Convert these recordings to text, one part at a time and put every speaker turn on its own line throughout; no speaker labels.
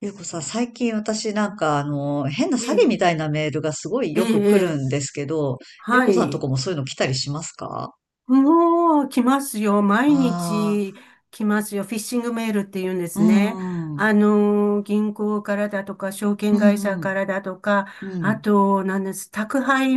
ゆうこさん、最近私なんか変な
え
詐欺
え、
みたいなメールがすごい
ええ、
よく
え
来る
え、
んですけど、ゆう
は
こさんと
い。
こもそういうの来たりしますか？
もう来ますよ。毎
あ、
日来ますよ。フィッシングメールって言うんで
あー、う
すね。
ん、うん、
銀行からだとか、証
う
券会社
ん、
からだとか、
う
あ
ん。
と、なんです、宅配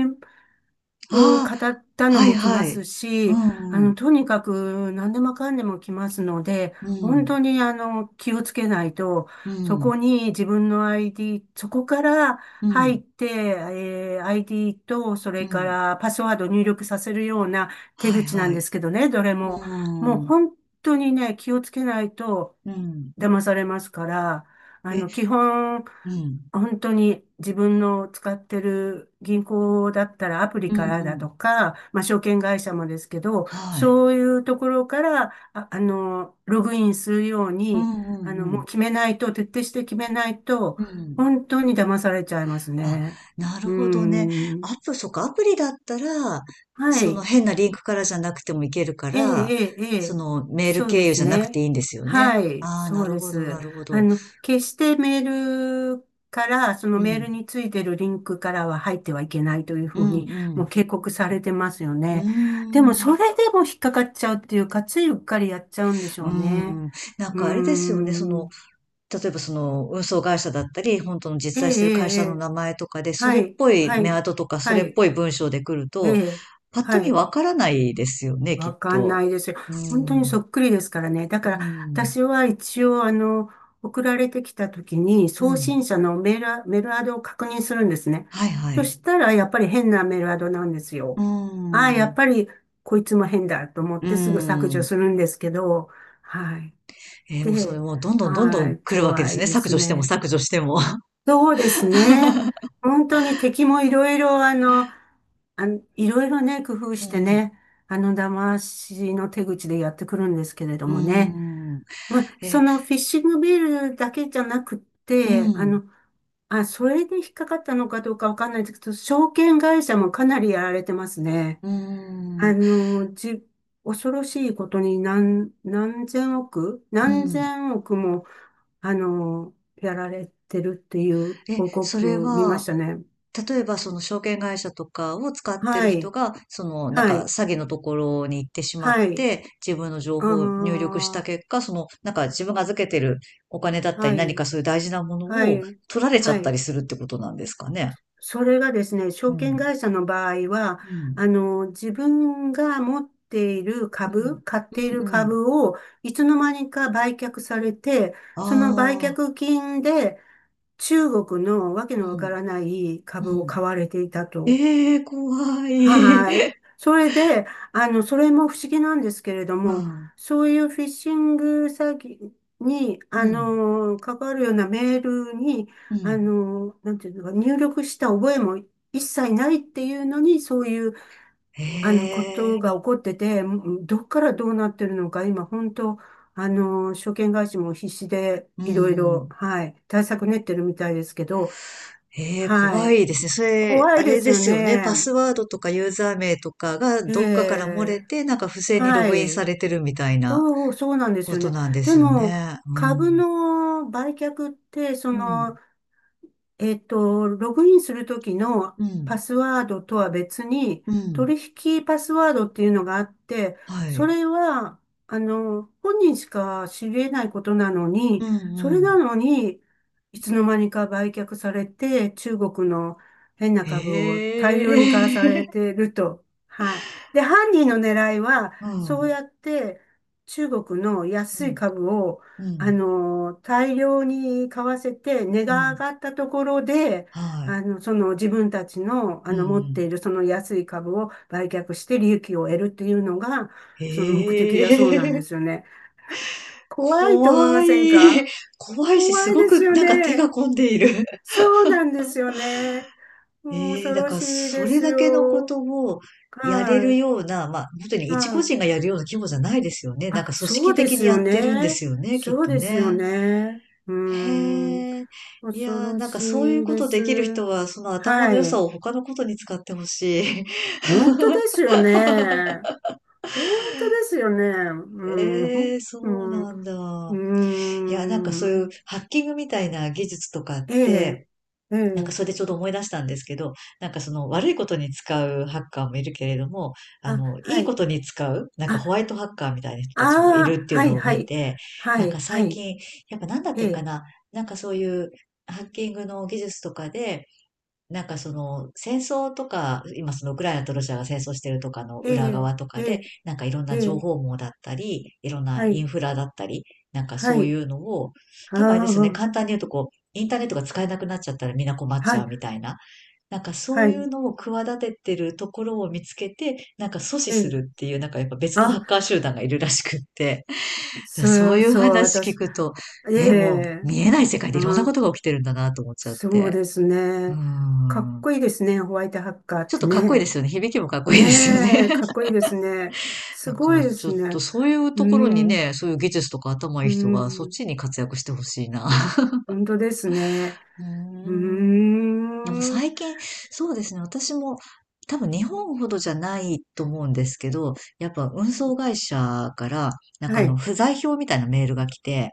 を
あ
語った
あ、
の
はい
も来ま
は
す
い。う
し、
ん、うん、
とにかく何でもかんでも来ますので、本
う
当に気をつけないと、そ
ん、
こに自分の ID、そこから
うん、う
入
ん、
って、ID と、そ
う
れか
ん。
らパスワードを入力させるような手
はい
口な
は
んで
い。
すけどね、どれも。もう
うん、
本当にね、気をつけないと、
うん。
騙されますから、
え、
基本、
うん、
本当に自分の使ってる銀行だったらアプ
う
リ
ん、う
からだ
ん。
とか、まあ、証券会社もですけど、
はい。
そういうところから、あ、ログインするよう
う
に、
ん、う
も
ん、
う決めないと、徹底して決めないと、
うん、うん。
本当に騙されちゃいます
あ、
ね。
なる
うー
ほどね。ア
ん。
プそっか、アプリだったら、
は
その
い。
変なリンクからじゃなくてもいけるか
ええ、
ら、
ええ、え
そ
え、
のメール
そう
経
で
由
す
じゃなくてい
ね。
いんですよね。
はい、
ああ、な
そう
る
で
ほど、な
す。
るほど。
決してメールから、その
う
メール
ん。
についてるリンクからは入ってはいけないという
う
ふうに、
ん、う
もう
ん。
警告されてますよ
う
ね。で
ー
も、
ん。
それでも引っかかっちゃうっていうか、ついうっかりやっちゃうんでし
う
ょ
ー
うね。
ん。なん
うー
かあれですよね、その、
ん。
例えばその運送会社だったり、本当の
ええ、
実在して
え
る会
え、
社の
ええ、
名前とかで、そ
は
れっ
い、
ぽい
は
メ
い、
アドとか、そ
は
れっ
い、
ぽい文章で来る
え
と、
え、
パッと
は
見
い。
わからないですよね、きっ
わかん
と。
ないですよ。
うー
本当にそ
ん。
っくりですからね。だ
うー
から、
ん。
私は一応、送られてきた時に、
う
送
ん。
信者のメールアドを確認するんですね。
はいは
そ
い。
したら、やっぱり変なメールアドなんです
うー
よ。ああ、やっ
ん。
ぱり、こいつも変だと思っ
うー
てすぐ削除
ん。
するんですけど、はい。
えー、もうそれ
で、
もうどんどんどんど
は
ん
い、
来るわけで
怖
す
い
ね。
で
削
す
除しても
ね。
削除しても。
そうですね。本当に敵もいろいろ、いろいろね、工夫
う
して
ん。
ね、騙しの手口でやってくるんですけれ ど
うー
もね。
ん。
まあ、そ
え、
のフィッシングビールだけじゃなくっ
う
て、
ん。
それで引っかかったのかどうかわかんないですけど、証券会社もかなりやられてますね。
うーん。
あの、じ、恐ろしいことに何千億、
う
何
ん。
千億もやられてるっていう
え、
報
それ
告見ま
は、
したね。
例えばその証券会社とかを使って
は
る人
い、
が、そのなん
は
か
い、
詐欺のところに行ってしまっ
はい、
て、自分の情
あ
報を入力した
あ、
結果、そのなんか自分が預けてるお金だった
は
り何か
い、
そういう大事なもの
は
を
い、
取られちゃ
は
ったり
い。
するってことなんですかね？
それがですね、
う
証券
ん。
会社の場合は、
うん。
自分が持っている
うん。
株、買ってい
うん
る
うん。
株を、いつの間にか売却されて、
あ
その売
あ。
却金で中国のわけ
う
のわか
ん。
らない
う
株を
ん。
買われていたと。
ええ、怖い。
はい。それで、それも不思議なんですけれど
う
も、
ん。
そういうフィッシング詐欺に、
うん。
関わるようなメールに、
うん。
なんていうのか、入力した覚えも一切ないっていうのに、そういう、
へ
こと
え。
が起こってて、どっからどうなってるのか、今、本当、証券会社も必死で、
うん
いろい
う
ろ、
ん。
はい、対策練ってるみたいですけど、
へえ、
は
怖
い。
いですね。それ、
怖
あ
いで
れ
す
で
よ
すよね。
ね。
パスワードとかユーザー名とかが
え
どっかから漏れ
え、
て、なんか不正にロ
は
グインさ
い。
れてるみたいな
そうなんです
こ
よ
と
ね。
なんで
で
すよ
も、
ね。う
株
ん。
の売却って、
うん。
ログインするときの
う
パ
ん。
スワードとは別に、
うん。
取引パスワードっていうのがあって、
は
そ
い。
れは、本人しか知れないことなの
う
に、そ
ん
れ
う
な
ん。
のに、いつの間にか売却されて、中国の変な
へ
株を大量に買わ
え。
され てると。はい。で、犯人の狙いは、
う
そう
ん。
やって中国の
う
安い
ん。
株を
うん。
大量に買わせて、値
う
が上
ん。
がったところで、
はい。
その自分たちの、
うんう
持っている
ん。
その安い株を売却して利益を得るっていうのが、その目的だそうな
へ
ん
え。
ですよね。怖いと思い
怖
ません
い。
か？
怖いし、
怖
す
い
ご
です
く
よ
なんか手が
ね。
込んでいる。
そうなんですよね。もう
ええ、
恐
だ
ろ
から
しい
そ
で
れ
す
だけのこ
よ。
とをやれ
は
るよ
い。
うな、まあ、本当に一
は
個
い。
人がやるような規模じゃないですよね。なん
あ、
か組
そ
織
うで
的
す
にや
よ
ってるんで
ね。
すよね、きっ
そう
と
ですよ
ね。
ね。うーん。
へえ。い
恐
やー、
ろ
なんかそういう
しい
こ
で
とで
す。
きる人は、その頭
は
の良さ
い。
を他のことに使ってほしい。
本当ですよね。本当ですよね。うん。
ええ、
う
そう
ん。
な
う
んだ。いや、なんかそう
ー
いう
ん。
ハッキングみたいな技術とかっ
ええ、
て、
え
なんか
え。
それでちょうど思い出したんですけど、なんかその悪いことに使うハッカーもいるけれども、
あ、
い
は
いこ
い。
とに使う、なんか
あ、
ホワイトハッカーみたいな人
あ
たちもいる
あ、
っていう
はい、
のを
は
見
い。
て、
は
なんか
い、は
最
い。
近、やっぱなんだっ
え
てか
え、
な、なんかそういうハッキングの技術とかで、なんかその戦争とか、今そのウクライナとロシアが戦争してるとかの
え
裏
え、
側と
え
かで、
え、
なんかいろん
え
な情
え、
報網だったり、いろんな
は
イ
い、
ンフラだったり、なんか
は
そうい
い。
うのを、
あ
多分あれですよね、
あ、
簡単に言うとこう、インターネットが使えなくなっちゃったらみんな困っち
は
ゃ
い、
うみたいな、なんかそ
は
ういう
い。
のを企ててるところを見つけて、なんか阻止
え
す
え。
るっていう、なんかやっぱ別のハ
あ、
ッカー集団がいるらしくって、だからそう
そう、
いう
そう、
話聞
私、
くと、
え
ね、もう
え、
見えない世界でいろん
う
なこ
ん、
とが起きてるんだなと思っちゃっ
そう
て。
です
うー
ね。かっ
ん。
こいいですね、ホワイトハッカーっ
ちょっ
て
とかっこいいで
ね。
すよね。響きもかっこいいですよ
ね
ね。
え、かっこいいですね。す
だか
ご
ら
いで
ちょ
す
っと
ね。
そういう
う
ところに
ん、
ね、そういう技術とか頭いい
う
人がそっ
ん、
ちに活躍してほしいな。
本当ですね。
うー
うー
ん。でも
ん、
最近、そうですね、私も多分日本ほどじゃないと思うんですけど、やっぱ運送会社から、なんか
は
あの
い、
不在票みたいなメールが来て、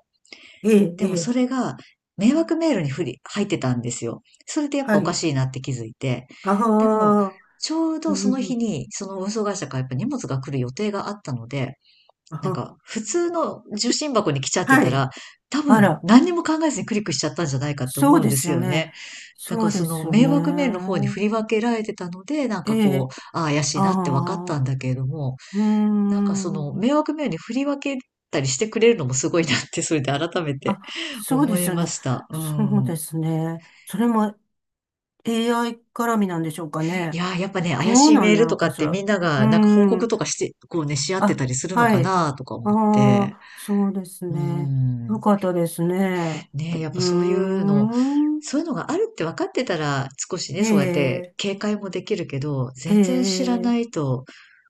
ええ、
で
え
もそ
え、
れが迷惑メールにふり、入ってたんですよ。それでやっぱ
は
おか
い。
しいなって気づいて。でも、
ああ、
ちょう
う
どその日
ん、
に、その運送会社からやっぱ荷物が来る予定があったので、なん
あ、
か普通の受信箱に来ちゃって
は
た
い。
ら、多
あ
分
ら、
何にも考えずにクリックしちゃったんじゃないかって
そ
思
う
うん
で
で
す
す
よ
よ
ね。
ね。だ
そ
か
う
ら
で
その
すよ
迷惑メールの方に
ね。
振り分けられてたので、なん
え
かこ
え、
う、ああ怪し
あ
いなって分かっ
あ、
た
う
んだけれども、
ー
なんかその
ん。
迷惑メールに振り分けたりしてくれるのもすごいなって、それで改めて
あ、そうで
思い
すよ
ま
ね。
した。う
そうで
ん。
すね。それも AI 絡みなんでしょうか
い
ね。
やー、やっぱね、
ど
怪
う
しい
な
メ
ん
ー
な
ル
の
とか
か
っ
し
て
ら。
みんな
うー
がなんか報
ん。
告とかして、こうね、し合ってた
あ、
りするの
は
か
い。
なとか思っ
あ
て。
あ、そうです
う
ね。
ん。
よかったですね。
ね、やっ
う
ぱ
ー
そういうの、
ん。
そういうのがあるって分かってたら少しね、
え
そうやって
え、
警戒もできるけど、
え
全然知らな
え、
いと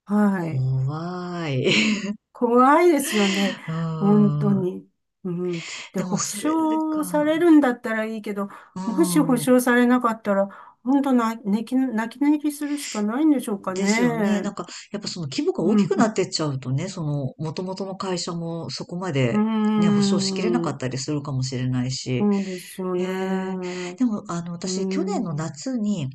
はい。
怖い。
怖いですよね。
う
本当
ん。
に。うん。で、
でも
保
それで
証さ
か。
れるんだったらいいけど、
う
もし保
ん。
証されなかったら、本当な、泣き寝入りするしかないんでしょうか
ですよね。な
ね。
んか、やっぱその規模が大
う
きくなっ
ん。
てっちゃうとね、その、元々の会社もそこま
うー
でね、保証しきれなかっ
ん。
たりするかもしれないし。
そうですよ
へえ。
ね。
でも、
う
私、去年の
ん。
夏に、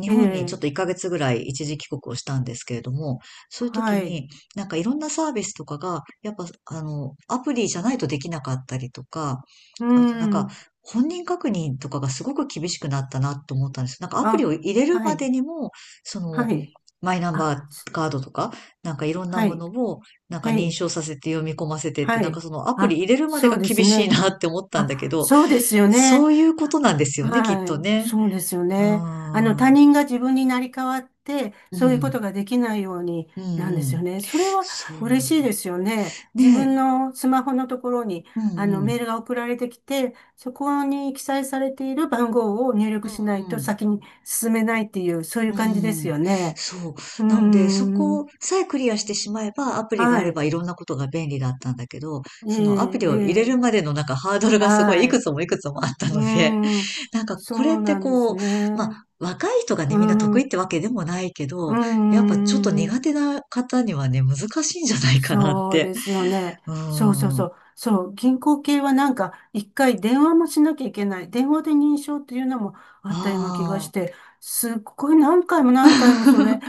日
え
本にちょっ
え。
と1ヶ月ぐらい一時帰国をしたんですけれども、そういう時
はい。
に、なんかいろんなサービスとかが、やっぱ、アプリじゃないとできなかったりとか、
う
あとなんか、
ん。
本人確認とかがすごく厳しくなったなと思ったんです。なんかアプリを
あ、
入れる
は
まで
い。
にも、その、
はい。
マイナンバ
あ、
ーカードとか、なんかいろんな
は
も
い。
のを、なんか
は
認
い。
証させて読み込ませてって、
は
なんか
い。
そのアプリ
あ、
入れるまで
そ
が
うです
厳しい
ね。
なって思ったんだけ
あ、
ど、
そうですよ
そ
ね。
ういうことなんですよね、きっ
は
と
い。
ね。
そうですよ
うー
ね。他
ん。
人が自分になり変わって、
う
そういうこ
ん。
とができないように
うん
なんで
う
すよ
ん。
ね。それは
そ
嬉しい
う。
ですよね。自
ね
分
え。
のスマホのところに、
うんう
メー
ん。
ルが送られてきて、そこに記載されている番号を入
う
力しない
んう
と
ん。
先に進めないっていう、そうい
う
う感じです
ん。
よね。
そう。
うー
なので、そこ
ん。
さえクリアしてしまえば、アプリが
は
あれ
い。
ばいろんなことが便利だったんだけど、
え
そのアプ
え、
リ
え
を入れる
え、
までのなんかハードルがすごいい
は
く
い。
つもいくつもあった
う
ので、
ーん。
なんか
そ
これっ
う
て
なんで
こ
す
う、まあ、
ね。
若い人が
う
ね、みんな
ん、
得意っ
う
てわけでもないけど、やっ
ー
ぱちょっと
ん、
苦手な方にはね、難しいんじゃないかなっ
そう
て。
ですよね。
う
そうそう
ーん。あ
そう。そう、銀行系はなんか、一回電話もしなきゃいけない。電話で認証っていうのもあったような気がし
あ、
て、すっごい何回も何回もそれ、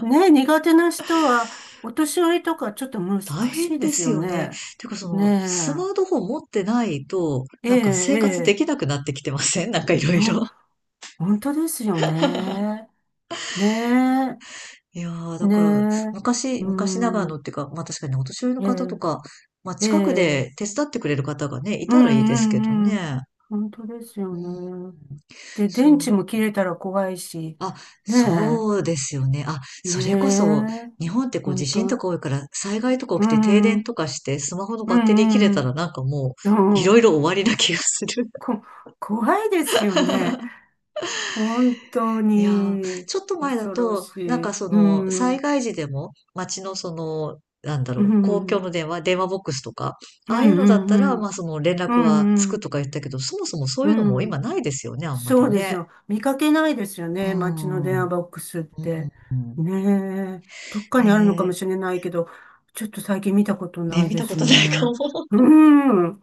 ね、苦手な人は、お年寄りとかちょっと難
大
し
変
いで
で
す
す
よ
よね。
ね。
てかその、
ね
スマートフォン持ってないと、
え、え
な
え、
んか生活で
ええ、
きなくなってきてませんなんかいろい
そう、
ろ。
本当ですよね。ね
いやー、
え、
だ
ね
から、
え、う
昔ながらの
ん、
っていうか、まあ確かにねお年寄りの
え
方と
え、
か、まあ
え
近く
え。
で手伝ってくれる方がね、い
う
た
ん
らいいですけど
うんうん。
ね。
本当です
う
よ
ん。
ね。で、
そ
電池
う。
も切れたら怖いし、
あ、
ね
そうですよね。あ、
え、
それこそ、
ねえ、
日本ってこう地
本
震と
当、
か多いから、災害とか
う
起きて停
ん、う
電
ん、
とかして、スマホの
う
バッテリー切れ
ん、
たらなんかも
うん
う、い
う
ろ
ん
いろ終わりな気がする。
こ、怖いですよね。本当
いやー、
に、
ちょっと前だ
恐ろ
と、
し
なん
い。
かそ
う
の、
ん、う
災
ん、
害時でも、街のその、なんだ
う
ろう、公共
ん、
の電話ボックスとか、
う
あ
ん、
あいうのだったら、
う
まあ
ん、
その連
う
絡はつくと
ん、
か言ったけど、そもそもそう
う
いうのも
ん、う
今
ん、
ないですよね、あんま
そ
り
うです
ね。
よ。見かけないですよ
うー
ね。街の電
ん。
話
う
ボックスって。
ん。
ねえ。どっか
へ
にあるのかも
え、
しれないけど、ちょっと最近見たこと
ね、
ない
見
で
たこ
す
とな
ね。
いかも。
うん。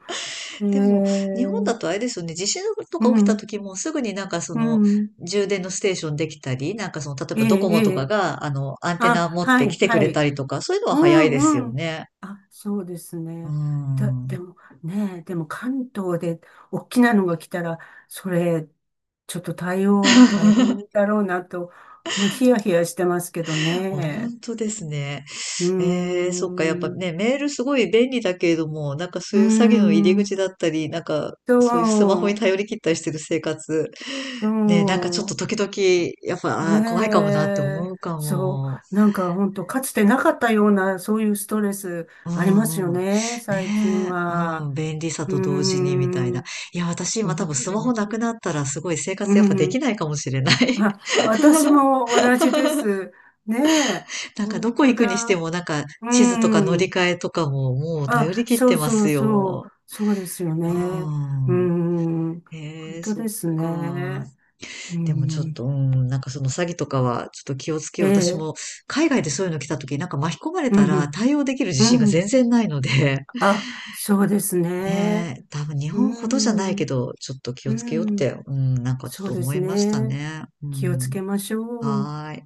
え
でも、
え、
日本だとあれですよね、地震と
う
か起きた
ん。
時もすぐになんかそ
う
の、
ん。
充電のステーションできたり、なんかその、例え
え
ばド
え、
コ
え
モとか
え。
が、アンテ
あ、
ナ持っ
は
て来
い、
てく
は
れた
い。
りとか、そういうの
う
は早いです
ん
よ
うん。
ね。
あ、そうです
うー
ね。だ、で
ん。
もね、でも関東で大きなのが来たら、それ、ちょっと対応大変だろうなと、もうヒヤヒヤしてますけど
本
ね。
当ですね。
うー
えー、そっか、やっぱ
ん、う
ね、メールすごい便利だけれども、なんかそ
ー
ういう詐欺の入り口
ん、
だったり、なんか、
そ
そういうスマホに
う、
頼り切ったりしてる生活、
う
ね、なんかちょっと
ん、
時々、やっぱ、あ
ね
ー、怖いかもなって
え、
思うか
そ
も。
う、なんか本当かつてなかったような、そういうストレス
う
ありますよ
んうん。
ね、最近
ねえ、う
は。
ん、便利さ
うー
と同時にみたいな。
ん。
いや、私今多
本
分スマ
当、
ホなくなったらすごい生
う
活やっぱでき
ん。
ないかもしれない。
あ、私も同じです。ねえ、
なんかど
本
こ
当
行くにして
だ。
もなんか
う
地図とか乗り
ん。
換えとかももう
あ、
頼り切っ
そ
て
う
ま
そ
す
うそう。
よ。
そうですよ
う
ね。う
ん。
ん。
へ
本
え、
当
そっ
です
か。
ね。う
でもちょっと、
ん。
うん、なんかその詐欺とかはちょっと気をつけ
え
よう。私
え。
も海外でそういうの来た時なんか巻き込まれ
う
たら
ん。
対応できる自
う
信が全
ん。
然ないので。
あ、そうですね。
ねえ、多分日
う
本ほどじゃないけ
ん。
ど、ちょっと気
う
をつけようって、
ん。
うん、なんかち
そう
ょっと
で
思
す
いました
ね。
ね。う
気をつ
ん、
けましょう。
はーい。